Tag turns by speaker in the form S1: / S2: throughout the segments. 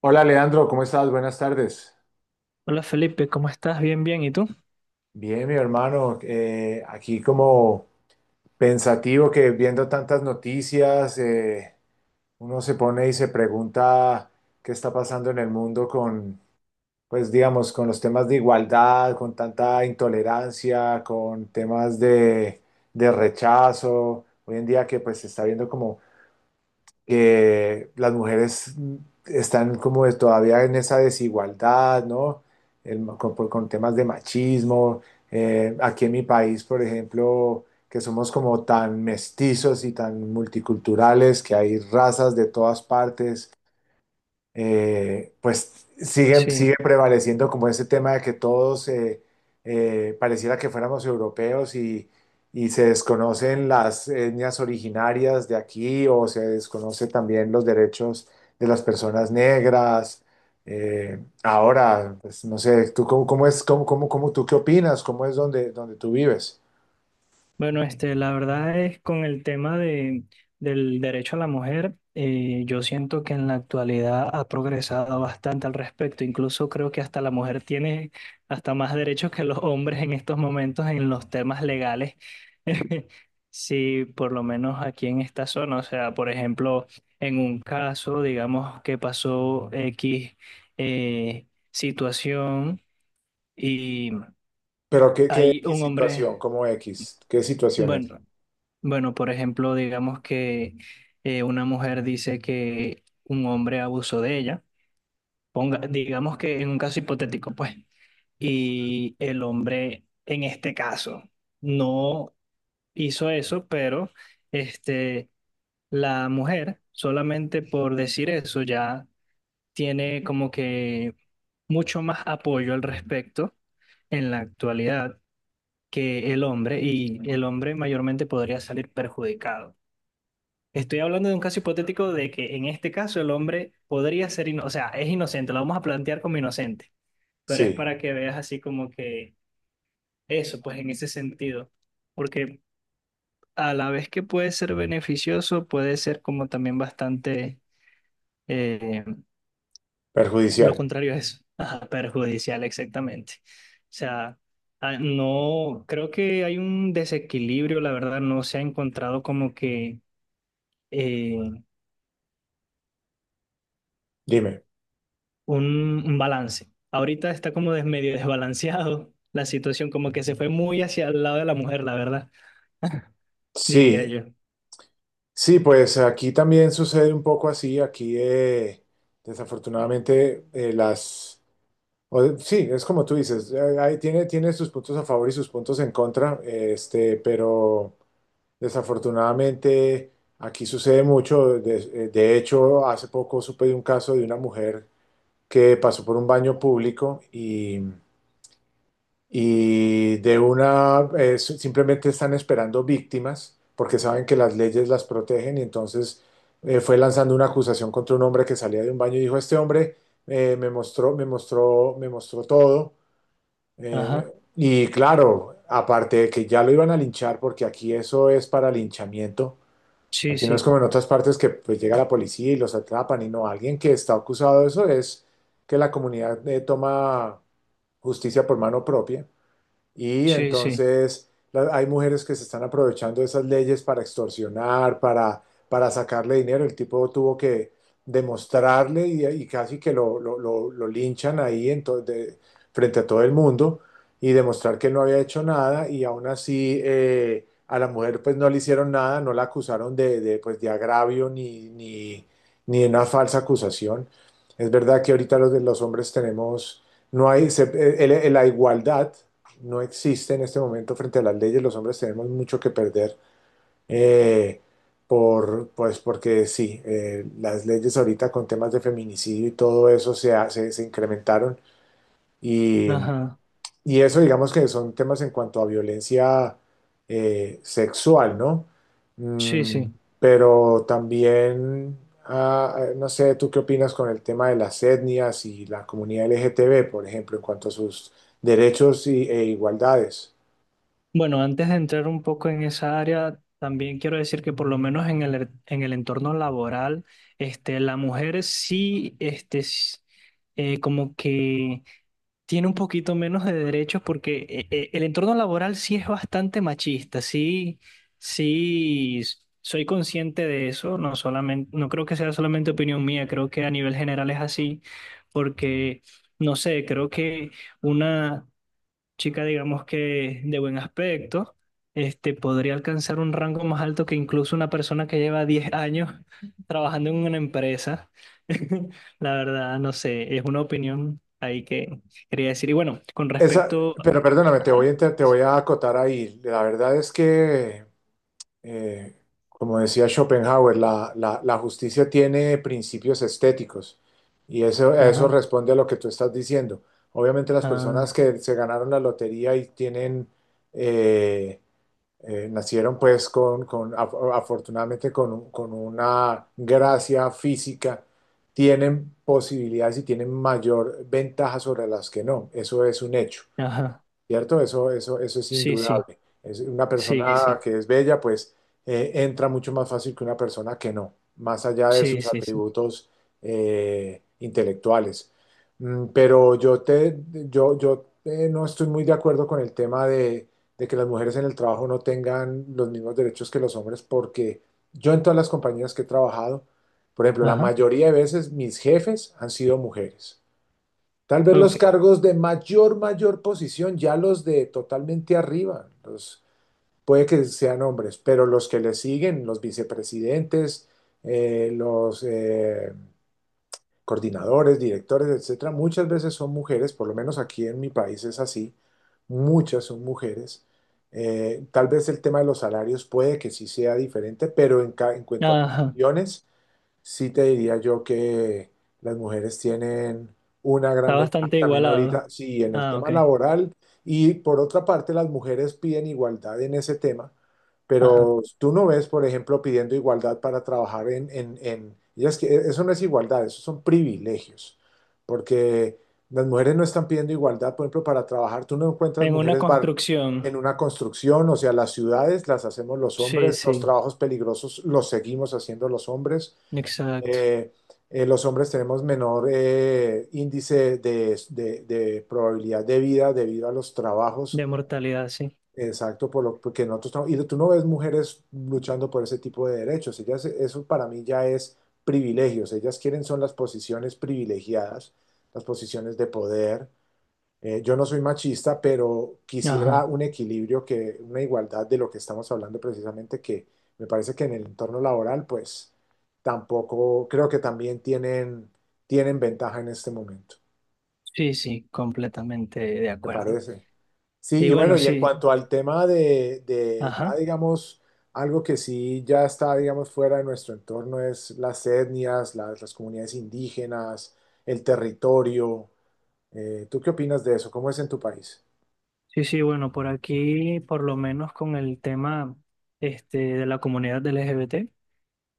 S1: Hola Leandro, ¿cómo estás? Buenas tardes.
S2: Hola Felipe, ¿cómo estás? Bien, bien. ¿Y tú?
S1: Bien, mi hermano, aquí como pensativo que viendo tantas noticias, uno se pone y se pregunta qué está pasando en el mundo con, pues digamos, con los temas de igualdad, con tanta intolerancia, con temas de rechazo. Hoy en día que pues se está viendo como que las mujeres están como todavía en esa desigualdad, ¿no? Con temas de machismo. Aquí en mi país, por ejemplo, que somos como tan mestizos y tan multiculturales, que hay razas de todas partes pues sigue
S2: Sí.
S1: prevaleciendo como ese tema de que todos pareciera que fuéramos europeos y se desconocen las etnias originarias de aquí o se desconoce también los derechos de las personas negras. Ahora, pues no sé, ¿tú cómo tú qué opinas? ¿Cómo es donde tú vives?
S2: Bueno, la verdad es con el tema del derecho a la mujer, yo siento que en la actualidad ha progresado bastante al respecto. Incluso creo que hasta la mujer tiene hasta más derechos que los hombres en estos momentos en los temas legales. Sí, por lo menos aquí en esta zona. O sea, por ejemplo, en un caso, digamos, que pasó X situación.
S1: Pero
S2: Hay
S1: qué
S2: un hombre,
S1: situación? ¿Cómo X? ¿Qué situación es?
S2: bueno, bueno, por ejemplo, digamos que una mujer dice que un hombre abusó de ella, ponga, digamos que en un caso hipotético, pues, y el hombre en este caso no hizo eso, pero este, la mujer solamente por decir eso ya tiene como que mucho más apoyo al respecto en la actualidad que el hombre, y el hombre mayormente podría salir perjudicado. Estoy hablando de un caso hipotético de que en este caso el hombre podría ser, o sea, es inocente, lo vamos a plantear como inocente, pero es
S1: Sí,
S2: para que veas así como que eso, pues en ese sentido, porque a la vez que puede ser beneficioso, puede ser como también bastante... eh, Lo
S1: perjudicial.
S2: contrario es ajá, perjudicial, exactamente. O sea, ah, no, creo que hay un desequilibrio, la verdad, no se ha encontrado como que eh,
S1: Dime.
S2: un, un balance. Ahorita está como medio desbalanceado la situación, como que se fue muy hacia el lado de la mujer, la verdad, diría
S1: Sí,
S2: yo.
S1: sí, pues aquí también sucede un poco así. Aquí, desafortunadamente, las... sí, es como tú dices, ahí tiene sus puntos a favor y sus puntos en contra, pero desafortunadamente aquí sucede mucho. De hecho, hace poco supe de un caso de una mujer que pasó por un baño público y de una simplemente están esperando víctimas porque saben que las leyes las protegen y entonces fue lanzando una acusación contra un hombre que salía de un baño y dijo, este hombre me mostró todo.
S2: Ajá,
S1: Y claro, aparte de que ya lo iban a linchar porque aquí eso es para linchamiento.
S2: sí,
S1: Aquí no es
S2: sí,
S1: como en otras partes que pues, llega la policía y los atrapan y no, alguien que está acusado de eso es que la comunidad toma justicia por mano propia. Y
S2: sí, sí,
S1: entonces hay mujeres que se están aprovechando de esas leyes para extorsionar, para sacarle dinero. El tipo tuvo que demostrarle y casi que lo linchan ahí en frente a todo el mundo y demostrar que él no había hecho nada y aún así a la mujer pues no le hicieron nada, no la acusaron pues, de agravio ni de una falsa acusación. Es verdad que ahorita de los hombres tenemos, no hay, la igualdad no existe en este momento frente a las leyes. Los hombres tenemos mucho que perder eh, por, pues porque sí, las leyes ahorita con temas de feminicidio y todo eso se, se incrementaron y,
S2: ajá,
S1: y eso digamos que son temas en cuanto a violencia sexual, ¿no?
S2: sí,
S1: Mm,
S2: sí.
S1: pero también, no sé, ¿tú qué opinas con el tema de las etnias y la comunidad LGTB, por ejemplo, en cuanto a sus derechos e igualdades?
S2: Bueno, antes de entrar un poco en esa área, también quiero decir que por lo menos en el entorno laboral, la mujer sí, como que tiene un poquito menos de derechos porque el entorno laboral sí es bastante machista, sí, sí, s- soy consciente de eso, no solamente, no creo que sea solamente opinión mía, creo que a nivel general es así, porque, no sé, creo que una chica, digamos que de buen aspecto, podría alcanzar un rango más alto que incluso una persona que lleva 10 años trabajando en una empresa. La verdad, no sé, es una opinión ahí que quería decir. Y bueno, con
S1: Esa,
S2: respecto...
S1: pero perdóname,
S2: Ajá,
S1: te voy
S2: sí,
S1: a acotar ahí. La verdad es que, eh, como decía Schopenhauer, la justicia tiene principios estéticos y eso, a eso
S2: ajá,
S1: responde a lo que tú estás diciendo. Obviamente las personas
S2: ah,
S1: que se ganaron la lotería y tienen, eh, nacieron pues con, afortunadamente con, con una gracia física, tienen posibilidades y tienen mayor ventaja sobre las que no. Eso es un hecho.
S2: ajá,
S1: ¿Cierto? Eso es
S2: sí, sí,
S1: indudable. Es una
S2: sí,
S1: persona
S2: sí,
S1: que es bella, pues entra mucho más fácil que una persona que no, más allá de
S2: sí,
S1: sus
S2: sí, sí,
S1: atributos intelectuales. Mm, pero yo no estoy muy de acuerdo con el tema de que las mujeres en el trabajo no tengan los mismos derechos que los hombres, porque yo en todas las compañías que he trabajado, por ejemplo, la
S2: ajá,
S1: mayoría de veces mis jefes han sido mujeres. Tal vez los
S2: ok,
S1: cargos de mayor posición, ya los de totalmente arriba, los, puede que sean hombres, pero los que le siguen, los vicepresidentes, los coordinadores, directores, etcétera, muchas veces son mujeres, por lo menos aquí en mi país es así, muchas son mujeres. Tal vez el tema de los salarios puede que sí sea diferente, pero en cuanto a
S2: ajá,
S1: posiciones, sí te diría yo que las mujeres tienen una
S2: está
S1: gran ventaja
S2: bastante
S1: también ahorita,
S2: igualado.
S1: sí, en el
S2: Ah,
S1: tema
S2: ok,
S1: laboral y por otra parte las mujeres piden igualdad en ese tema,
S2: ajá,
S1: pero tú no ves, por ejemplo, pidiendo igualdad para trabajar ellas que eso no es igualdad, eso son privilegios, porque las mujeres no están pidiendo igualdad, por ejemplo, para trabajar, tú no encuentras
S2: en una
S1: mujeres bar en
S2: construcción,
S1: una construcción, o sea, las ciudades las hacemos los
S2: sí,
S1: hombres, los
S2: sí,
S1: trabajos peligrosos los seguimos haciendo los hombres.
S2: exacto.
S1: Eh, los hombres tenemos menor índice de, de probabilidad de vida debido a los
S2: De
S1: trabajos,
S2: mortalidad, sí.
S1: exacto, por lo porque nosotros y tú no ves mujeres luchando por ese tipo de derechos, ellas, eso para mí ya es privilegios, ellas quieren son las posiciones privilegiadas, las posiciones de poder, yo no soy machista, pero quisiera
S2: Ajá.
S1: un equilibrio, que, una igualdad de lo que estamos hablando precisamente, que me parece que en el entorno laboral, pues tampoco, creo que también tienen, tienen ventaja en este momento,
S2: Sí, sí, completamente de
S1: ¿te
S2: acuerdo.
S1: parece? Sí,
S2: Y
S1: y bueno,
S2: bueno,
S1: y en
S2: sí,
S1: cuanto al tema de ya
S2: ajá.
S1: digamos, algo que sí ya está, digamos, fuera de nuestro entorno es las etnias, las comunidades indígenas, el territorio. ¿Tú qué opinas de eso? ¿Cómo es en tu país?
S2: Sí, sí, bueno, por aquí, por lo menos con el tema de la comunidad del LGBT.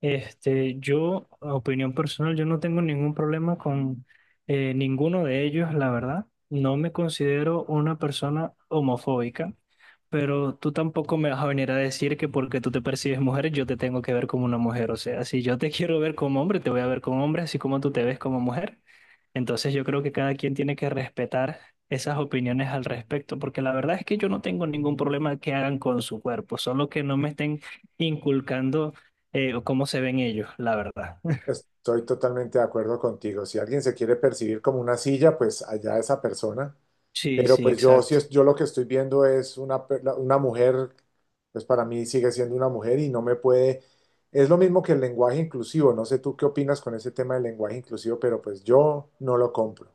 S2: Este, yo, a opinión personal, yo no tengo ningún problema con ninguno de ellos, la verdad. No me considero una persona homofóbica, pero tú tampoco me vas a venir a decir que porque tú te percibes mujer, yo te tengo que ver como una mujer. O sea, si yo te quiero ver como hombre, te voy a ver como hombre, así como tú te ves como mujer. Entonces yo creo que cada quien tiene que respetar esas opiniones al respecto, porque la verdad es que yo no tengo ningún problema que hagan con su cuerpo, solo que no me estén inculcando o cómo se ven ellos, la verdad.
S1: Estoy totalmente de acuerdo contigo. Si alguien se quiere percibir como una silla, pues allá esa persona.
S2: Sí,
S1: Pero
S2: sí,
S1: pues yo sí
S2: exacto.
S1: es, yo lo que estoy viendo es una, una mujer, pues para mí sigue siendo una mujer y no me puede. Es lo mismo que el lenguaje inclusivo. No sé tú qué opinas con ese tema del lenguaje inclusivo, pero pues yo no lo compro.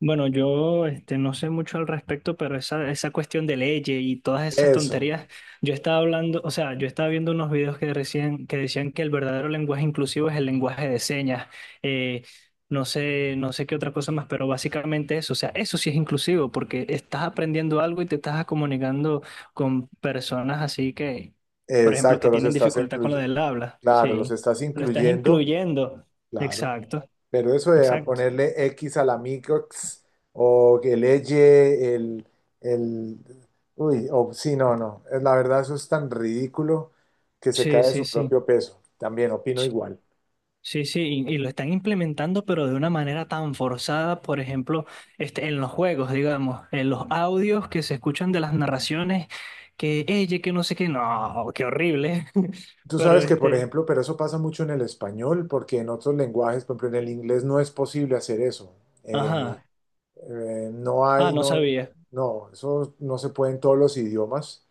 S2: Bueno, yo no sé mucho al respecto, pero esa cuestión de leyes y todas esas
S1: Eso,
S2: tonterías, yo estaba hablando, o sea, yo estaba viendo unos videos que decían que el verdadero lenguaje inclusivo es el lenguaje de señas, eh, no sé, no sé qué otra cosa más, pero básicamente eso, o sea, eso sí es inclusivo, porque estás aprendiendo algo y te estás comunicando con personas así que, por ejemplo,
S1: exacto,
S2: que
S1: los
S2: tienen
S1: estás
S2: dificultad con lo
S1: incluyendo.
S2: del habla,
S1: Claro, los
S2: sí,
S1: estás
S2: lo estás
S1: incluyendo.
S2: incluyendo,
S1: Claro.
S2: exacto,
S1: Pero eso de a
S2: exacto,
S1: ponerle X a la microx o que leye el uy, o sí, no, no. Es la verdad, eso es tan ridículo que se
S2: sí,
S1: cae de
S2: sí,
S1: su
S2: sí.
S1: propio peso. También opino igual.
S2: Sí, sí, y lo están implementando, pero de una manera tan forzada, por ejemplo, en los juegos, digamos, en los audios que se escuchan de las narraciones, que ella, que no sé qué, no, qué horrible.
S1: Tú
S2: Pero
S1: sabes que, por ejemplo, pero eso pasa mucho en el español, porque en otros lenguajes, por ejemplo, en el inglés no es posible hacer eso. Eh,
S2: ajá,
S1: no
S2: ah,
S1: hay,
S2: no
S1: no,
S2: sabía,
S1: no, eso no se puede en todos los idiomas.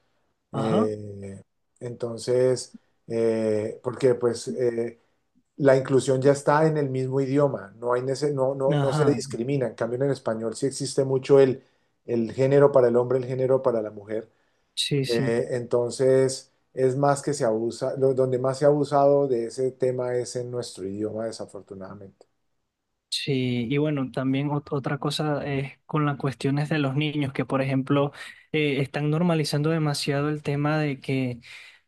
S2: ajá,
S1: Eh, entonces, porque pues la inclusión ya está en el mismo idioma, no hay no, no, no se
S2: ajá,
S1: discrimina. En cambio, en el español sí existe mucho el género para el hombre, el género para la mujer.
S2: sí, sí.
S1: Entonces, es más que se abusa, donde más se ha abusado de ese tema es en nuestro idioma, desafortunadamente.
S2: Sí, y bueno, también otra cosa es con las cuestiones de los niños, que por ejemplo están normalizando demasiado el tema de que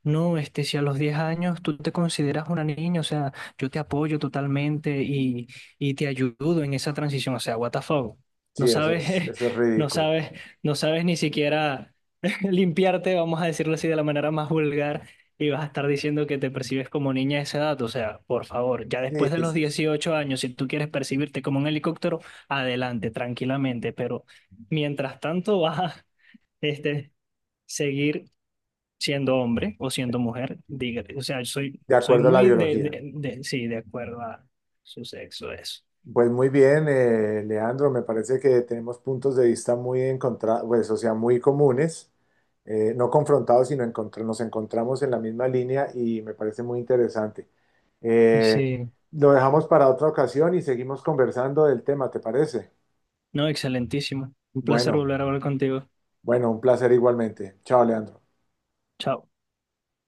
S2: no, si a los 10 años tú te consideras una niña, o sea, yo te apoyo totalmente y te ayudo en esa transición, o sea, what the fuck, no
S1: Sí,
S2: sabes,
S1: eso es
S2: no
S1: ridículo.
S2: sabes, no sabes ni siquiera limpiarte, vamos a decirlo así de la manera más vulgar. Y vas a estar diciendo que te percibes como niña a esa edad, o sea, por favor, ya
S1: Sí,
S2: después de
S1: sí,
S2: los
S1: sí,
S2: 18 años, si tú quieres percibirte como un helicóptero, adelante, tranquilamente, pero mientras tanto vas a este, seguir siendo hombre o siendo mujer, dígate, o sea,
S1: de
S2: soy
S1: acuerdo a la
S2: muy de,
S1: biología.
S2: sí, de acuerdo a su sexo, eso.
S1: Pues muy bien, Leandro, me parece que tenemos puntos de vista muy encontrados, pues, o sea, muy comunes, no confrontados, sino nos encontramos en la misma línea y me parece muy interesante. Eh,
S2: Sí,
S1: lo dejamos para otra ocasión y seguimos conversando del tema, ¿te parece?
S2: no, excelentísimo. Un placer
S1: Bueno,
S2: volver a hablar contigo.
S1: bueno, un placer igualmente. Chao, Leandro.
S2: Chao.